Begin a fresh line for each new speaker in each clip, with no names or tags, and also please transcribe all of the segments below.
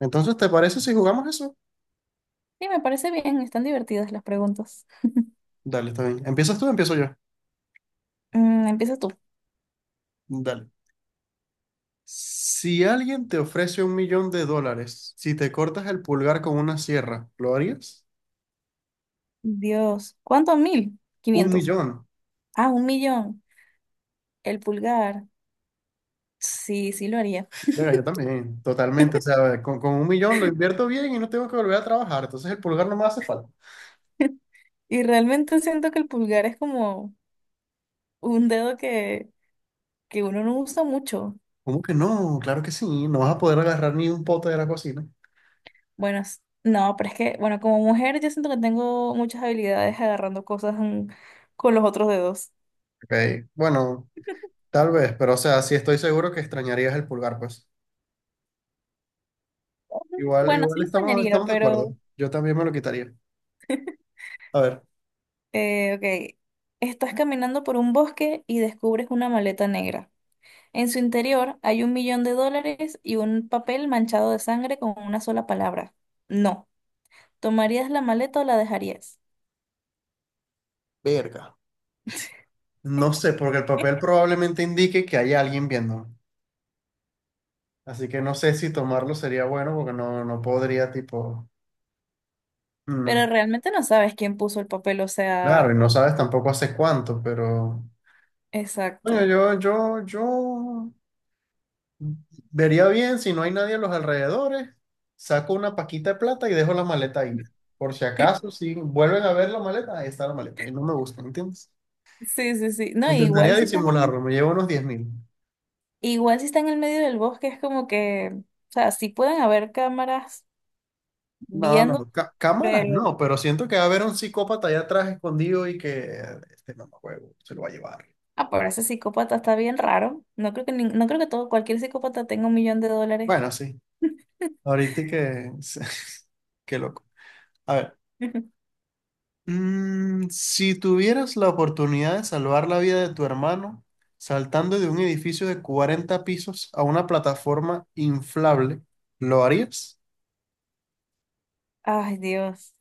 Entonces, ¿te parece si jugamos eso?
Sí, me parece bien, están divertidas las preguntas.
Dale, está bien. ¿Empiezas tú o empiezo yo?
Empieza tú.
Dale. Si alguien te ofrece un millón de dólares, si te cortas el pulgar con una sierra, ¿lo harías?
Dios, ¿cuánto? Mil.
Un
Quinientos.
millón.
Ah, un millón. El pulgar. Sí, lo haría.
Venga, yo también, totalmente. O sea, con un millón lo invierto bien y no tengo que volver a trabajar. Entonces el pulgar no me hace falta.
Y realmente siento que el pulgar es como un dedo que uno no usa mucho.
¿Cómo que no? Claro que sí. No vas a poder agarrar ni un pote de la cocina.
Bueno, s- no, pero es que, bueno, como mujer yo siento que tengo muchas habilidades agarrando cosas con los otros dedos.
Ok, bueno, tal vez, pero o sea, sí estoy seguro que extrañarías el pulgar, pues.
Ujú.
Igual,
Bueno, sí
igual
lo
estamos,
extrañaría,
estamos de acuerdo.
pero,
Yo también me lo quitaría. A ver.
eh, ok. Estás caminando por un bosque y descubres una maleta negra. En su interior hay un millón de dólares y un papel manchado de sangre con una sola palabra. No. ¿Tomarías la maleta o la dejarías?
Verga. No sé, porque el papel probablemente indique que hay alguien viéndome. Así que no sé si tomarlo sería bueno porque no, no podría, tipo.
Pero
mm,
realmente no sabes quién puso el papel, o
Claro, y
sea,
no sabes tampoco hace cuánto, pero. Bueno,
exacto.
yo vería bien si no hay nadie a los alrededores. Saco una paquita de plata y dejo la maleta ahí. Por si acaso, si vuelven a ver la maleta, ahí está la maleta. Y no me gusta, ¿entiendes?
Sí, sí, sí. No,
Intentaría disimularlo, me llevo unos 10.000.
igual si están en el medio del bosque es como que, o sea, sí pueden haber cámaras
No, no,
viendo,
no. Cámaras
pero
no, pero siento que va a haber un psicópata allá atrás escondido y que este mamahuevo se lo va a llevar.
ah, pero ese psicópata está bien raro. No creo que nin- no creo que todo cualquier psicópata tenga un millón de dólares.
Bueno, sí. Ahorita y que... Qué loco. A ver. Mm, si tuvieras la oportunidad de salvar la vida de tu hermano saltando de un edificio de 40 pisos a una plataforma inflable, ¿lo harías?
Ay, Dios.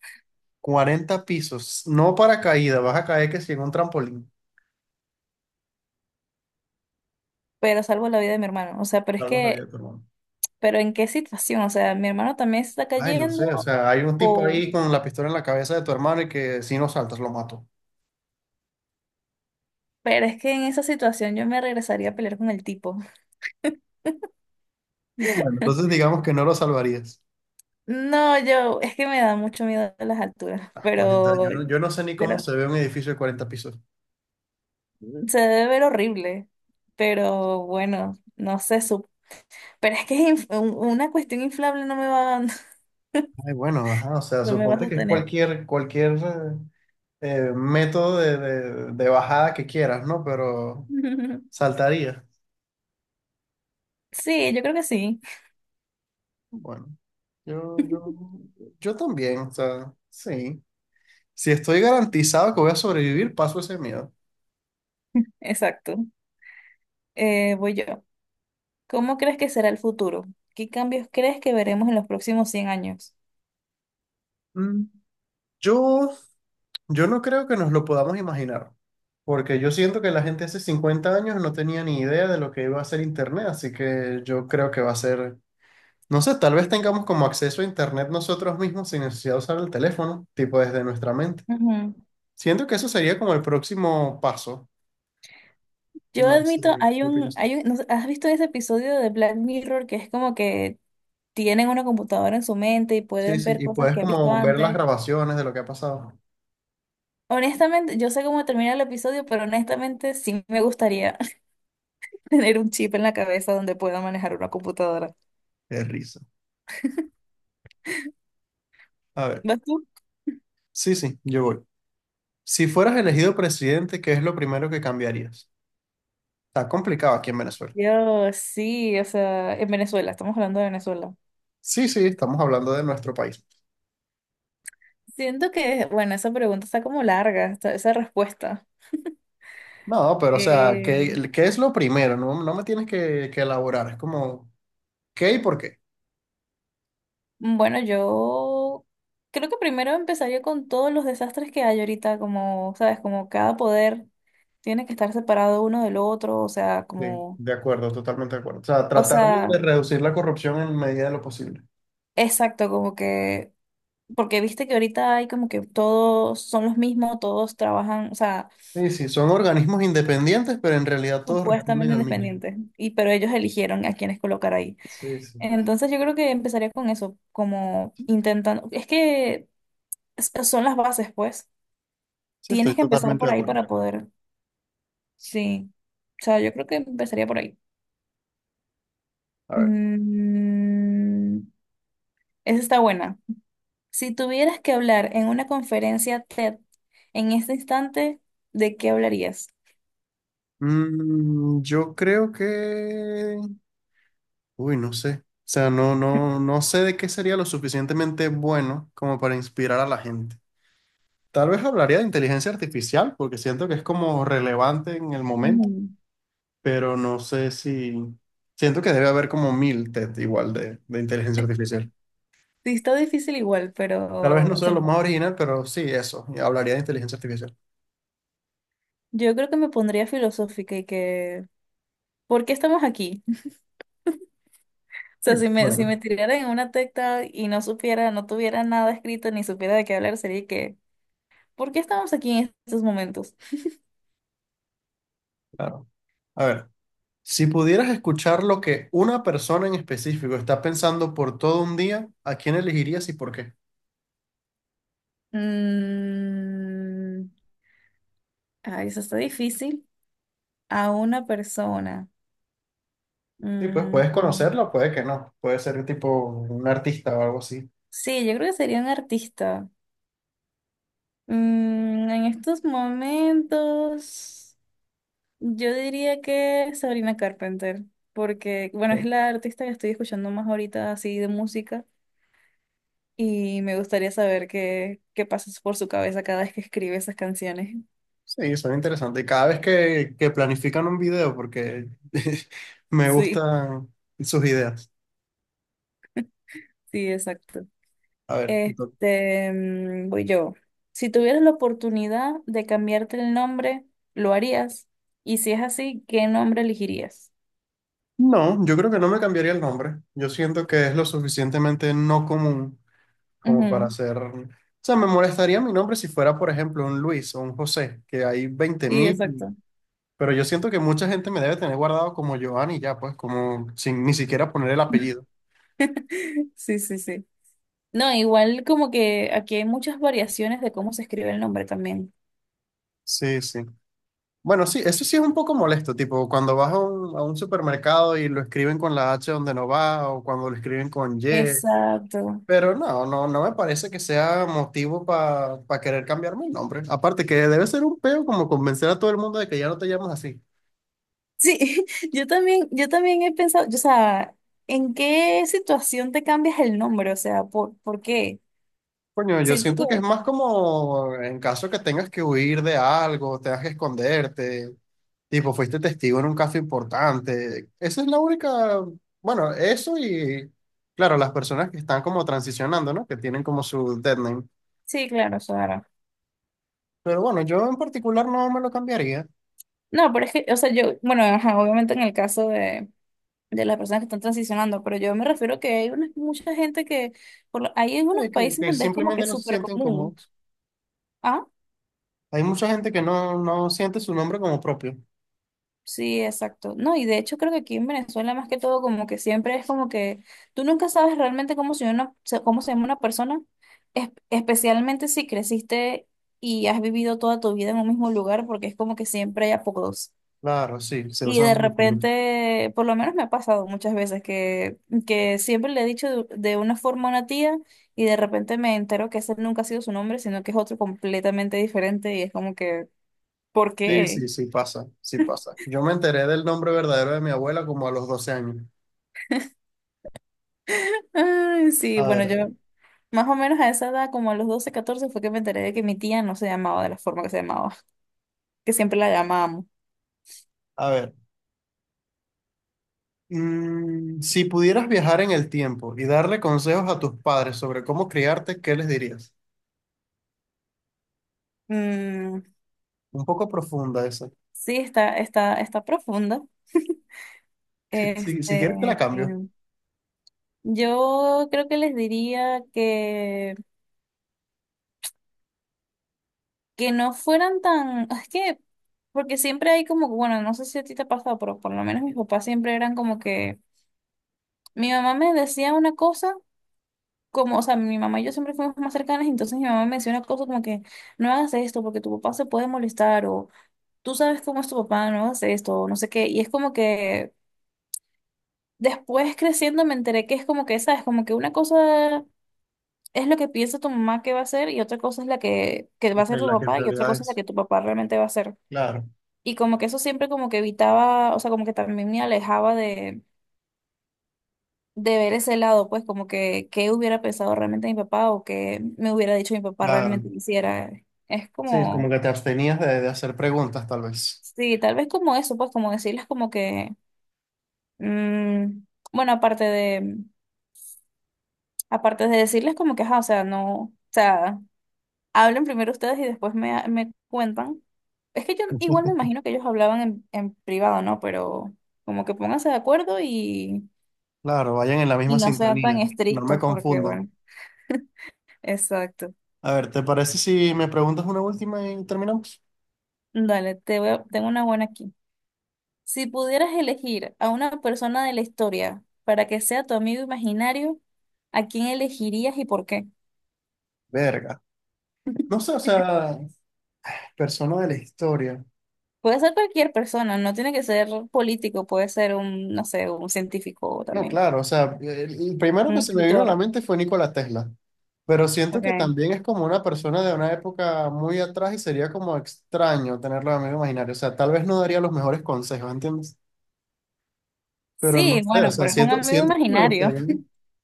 40 pisos. No para caída, vas a caer que si en un trampolín.
Pero salvo la vida de mi hermano. O sea, pero es
Salvas la vida de
que,
tu hermano.
pero ¿en qué situación? O sea, mi hermano también se está
Ay, no sé, o
cayendo
sea, hay un tipo
o...
ahí con la pistola en la cabeza de tu hermano y que si no saltas lo mato.
Pero es que en esa situación yo me regresaría a pelear con el tipo.
Bueno, entonces digamos que no lo salvarías.
No, yo, es que me da mucho miedo las alturas,
Ah, 40 yo no, yo no sé ni cómo
pero
se ve un edificio de 40 pisos.
se debe ver horrible. Pero bueno, no sé, su- pero es que es inf- un- una cuestión inflable no me va,
Ay, bueno, ajá, o sea,
no me va a
suponte que es
sostener.
cualquier método de bajada que quieras, ¿no? Pero saltaría.
Sí, yo creo que sí,
Bueno, yo, yo, yo también, o sea, sí. Si estoy garantizado que voy a sobrevivir, paso ese miedo.
exacto. Voy yo. ¿Cómo crees que será el futuro? ¿Qué cambios crees que veremos en los próximos 100 años?
Mm, Yo Yo no creo que nos lo podamos imaginar, porque yo siento que la gente hace 50 años no tenía ni idea de lo que iba a ser Internet, así que yo creo que va a ser, no sé, tal vez tengamos como acceso a Internet nosotros mismos sin necesidad de usar el teléfono, tipo desde nuestra mente.
Ujú.
Siento que eso sería como el próximo paso.
Yo
No
admito,
sé, ¿qué opinas tú?
no sé, ¿has visto ese episodio de Black Mirror que es como que tienen una computadora en su mente y
Sí,
pueden
sí,
ver
y
cosas
puedes
que han visto
como ver las
antes?
grabaciones de lo que ha pasado.
Honestamente, yo sé cómo termina el episodio, pero honestamente sí me gustaría tener un chip en la cabeza donde pueda manejar una computadora.
Qué risa. A ver,
¿Vas tú?
sí, sí, yo voy. Si fueras elegido presidente, ¿qué es lo primero que cambiarías? Está complicado aquí en Venezuela.
Yo sí, o sea, en Venezuela, estamos hablando de Venezuela.
Sí, sí, estamos hablando de nuestro país.
Siento que, bueno, esa pregunta está como larga, esta- esa respuesta.
No, pero o sea,
Eh,
¿qué, qué es lo primero? No, no me tienes que elaborar, es como, ¿qué y por qué?
bueno, yo creo que primero empezaría con todos los desastres que hay ahorita, como, sabes, como cada poder tiene que estar separado uno del otro, o sea,
Sí,
como,
de acuerdo, totalmente de acuerdo. O sea,
o
tratar de
sea,
reducir la corrupción en medida de lo posible.
exacto, como que, porque viste que ahorita hay como que todos son los mismos, todos trabajan, o sea,
Sí, sí, son organismos independientes, pero en realidad todos responden
supuestamente
al mismo.
independientes, y pero ellos eligieron a quienes colocar ahí.
Sí, sí.
Entonces yo creo que empezaría con eso, como intentando, es que s- son las bases, pues.
Sí, estoy
Tienes que empezar
totalmente
por
de
ahí
acuerdo.
para poder Sí. O sea, yo creo que empezaría por ahí.
A ver,
Mm, Esa está buena. Si tuvieras que hablar en una conferencia TED en este instante, ¿de qué hablarías?
mm, yo creo que... Uy, no sé. O sea, no, no, no sé de qué sería lo suficientemente bueno como para inspirar a la gente. Tal vez hablaría de inteligencia artificial porque siento que es como relevante en el momento,
Ujú.
pero no sé si... Siento que debe haber como mil TED igual de inteligencia artificial.
Sí, está difícil igual,
Tal vez
pero
no
o
sea
sea,
lo más original, pero sí, eso. Y hablaría de inteligencia artificial.
yo creo que me pondría filosófica y que, ¿por qué estamos aquí? O sea,
Bien,
si me, si
bueno,
me tirara en una tecta y no supiera, no tuviera nada escrito ni supiera de qué hablar, sería que, ¿por qué estamos aquí en estos momentos?
claro. A ver, si pudieras escuchar lo que una persona en específico está pensando por todo un día, ¿a quién elegirías y por qué?
Mm, ay, eso está difícil. A una persona.
Sí, pues puedes
Mm,
conocerlo, puede que no. Puede ser tipo un artista o algo así.
sí, yo creo que sería un artista. En estos momentos, yo diría que Sabrina Carpenter, porque, bueno, es la artista que estoy escuchando más ahorita así de música y me gustaría saber qué, qué pasa por su cabeza cada vez que escribe esas canciones.
Sí, son interesantes. Cada vez que, planifican un video, porque me
Sí,
gustan sus ideas.
sí, exacto.
A ver, entonces-
Voy yo. Si tuvieras la oportunidad de cambiarte el nombre, ¿lo harías? Y si es así, ¿qué nombre elegirías?
no, yo creo que no me cambiaría el nombre. Yo siento que es lo suficientemente no común como para
Ujú,
ser... O sea, me molestaría mi nombre si fuera, por ejemplo, un Luis o un José, que hay veinte
sí,
mil,
exacto.
pero yo siento que mucha gente me debe tener guardado como Giovanni ya, pues, como sin ni siquiera poner el apellido.
Sí, sí, sí. No, igual como que aquí hay muchas variaciones de cómo se escribe el nombre también.
Sí, sí. Bueno, sí, eso sí es un poco molesto, tipo cuando vas a un supermercado y lo escriben con la H donde no va o cuando lo escriben con Y,
Exacto.
pero no, no, no me parece que sea motivo para querer cambiarme el nombre. Aparte que debe ser un peo como convencer a todo el mundo de que ya no te llamas así.
Sí, yo también he pensado, o sea, ¿en qué situación te cambias el nombre? O sea, ¿por qué?
Coño, yo
Siento
siento que es
que,
más como en caso que tengas que huir de algo, tengas que esconderte, tipo, fuiste testigo en un caso importante. Esa es la única, bueno, eso y, claro, las personas que están como transicionando, ¿no? Que tienen como su dead name.
sí, claro, o sea,
Pero bueno, yo en particular no me lo cambiaría.
no, pero es que, o sea, yo, bueno, ajá, obviamente en el caso de las personas que están transicionando, pero yo me refiero que hay una, mucha gente que, por lo- hay en unos
Que,
países
que
donde es como
simplemente
que
no se
súper
sienten
común.
cómodos.
Ah,
Hay mucha gente que no, no siente su nombre como propio.
sí, exacto. No, y de hecho creo que aquí en Venezuela más que todo como que siempre es como que tú nunca sabes realmente cómo se, una, se- cómo se llama una persona, es- especialmente si creciste y has vivido toda tu vida en un mismo lugar, porque es como que siempre hay apodos.
Claro, sí, se
Y de
usan mucho.
repente, por lo menos me ha pasado muchas veces que siempre le he dicho de una forma a una tía y de repente me entero que ese nunca ha sido su nombre, sino que es otro completamente diferente y es como que, ¿por
Sí,
qué?
sí, sí pasa, sí pasa. Yo me enteré del nombre verdadero de mi abuela como a los 12 años.
Ay, sí,
A
bueno,
ver, a ver,
yo más o menos a esa edad, como a los 12 14 fue que me enteré de que mi tía no se llamaba de la forma que se llamaba, que siempre la llamábamos.
a ver. Mm, si pudieras viajar en el tiempo y darle consejos a tus padres sobre cómo criarte, ¿qué les dirías?
Mm,
Un poco profunda esa.
sí, está profunda.
Si quieres te la
Este,
cambio.
yo creo que les diría que no fueran tan, es que, porque siempre hay como, que, bueno, no sé si a ti te ha pasado, pero por lo menos mis papás siempre eran como que, mi mamá me decía una cosa, como, o sea, mi mamá y yo siempre fuimos más cercanas, y entonces mi mamá me decía una cosa como que, no hagas esto porque tu papá se puede molestar, o tú sabes cómo es tu papá, no hagas esto, o no sé qué, y es como que después creciendo me enteré que es como que, sabes, como que una cosa... Es lo que piensa tu mamá que va a hacer y otra cosa es la que va a
Ok,
hacer tu
la que en
papá y otra
realidad
cosa es la
es.
que tu papá realmente va a hacer.
Claro,
Y como que eso siempre como que evitaba, o sea, como que también me alejaba de ver ese lado, pues como que qué hubiera pensado realmente mi papá o qué me hubiera dicho mi papá
claro.
realmente que hiciera Es
Sí, como
como,
que te abstenías de hacer preguntas, tal vez.
sí, tal vez como eso, pues como decirles como que, mm, bueno, aparte de decirles como que, ajá, o sea, no, o sea, hablen primero ustedes y después me, me cuentan. Es que yo igual me imagino que ellos hablaban en privado, ¿no? Pero como que pónganse de acuerdo
Claro, vayan en la misma
Y no sean tan
sintonía. No me
estrictos porque,
confundan.
bueno, exacto.
A ver, ¿te parece si me preguntas una última y terminamos?
Dale, te voy a- tengo una buena aquí. Si pudieras elegir a una persona de la historia para que sea tu amigo imaginario, ¿a quién elegirías y por qué?
Verga. No sé, o sea, persona de la historia.
Puede ser cualquier persona, no tiene que ser político, puede ser un, no sé, un científico
No,
también,
claro, o sea, el primero
un
que se me vino a la
escritor.
mente fue Nikola Tesla, pero siento que
Okay.
también es como una persona de una época muy atrás y sería como extraño tenerlo de amigo imaginario, o sea, tal vez no daría los mejores consejos, ¿entiendes? Pero no
Sí,
sé,
bueno,
o sea,
pero es un
siento,
amigo
siento que me
imaginario.
gustaría,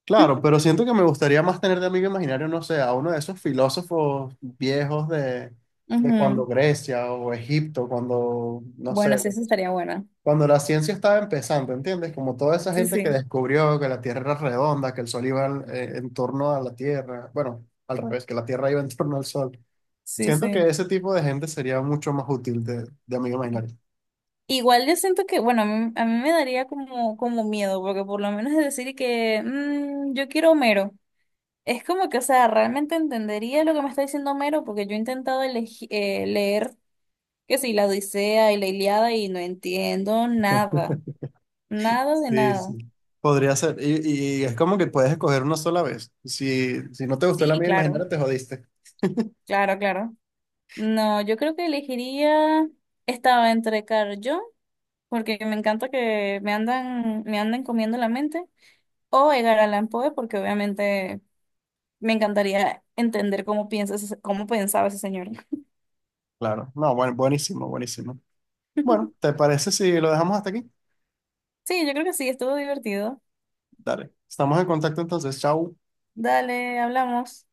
claro, pero siento que me gustaría más tener de amigo imaginario, no sé, a uno de esos filósofos viejos de cuando
Ujú.
Grecia o Egipto, cuando, no
Bueno,
sé,
sí, eso estaría bueno.
cuando la ciencia estaba empezando, ¿entiendes? Como toda esa
Sí,
gente que
sí,
descubrió que la Tierra era redonda, que el Sol iba en torno a la Tierra, bueno, al revés, que la Tierra iba en torno al Sol.
sí,
Siento que
sí.
ese tipo de gente sería mucho más útil de amigo imaginario.
Igual yo siento que, bueno, a mí me daría como, como miedo, porque por lo menos es decir que "Mm, yo quiero Homero. Es como que, o sea, realmente entendería lo que me está diciendo Homero, porque yo he intentado leer, que sí, la Odisea y la Ilíada y no entiendo nada, nada de
Sí,
nada.
sí. Podría ser, y es como que puedes escoger una sola vez. Si no te gustó el
Sí,
amigo
claro,
imaginario, te jodiste.
claro, claro. No, yo creo que elegiría, estaba entre Carl Jung, porque me encanta que me andan comiendo la mente. O Edgar Allan Poe, porque obviamente me encantaría entender cómo piensas, ese- cómo pensaba ese señor.
Claro, no, bueno, buenísimo, buenísimo. Bueno, ¿te parece si lo dejamos hasta aquí?
Sí, yo creo que sí, estuvo divertido.
Dale, estamos en contacto entonces, chao.
Dale, hablamos.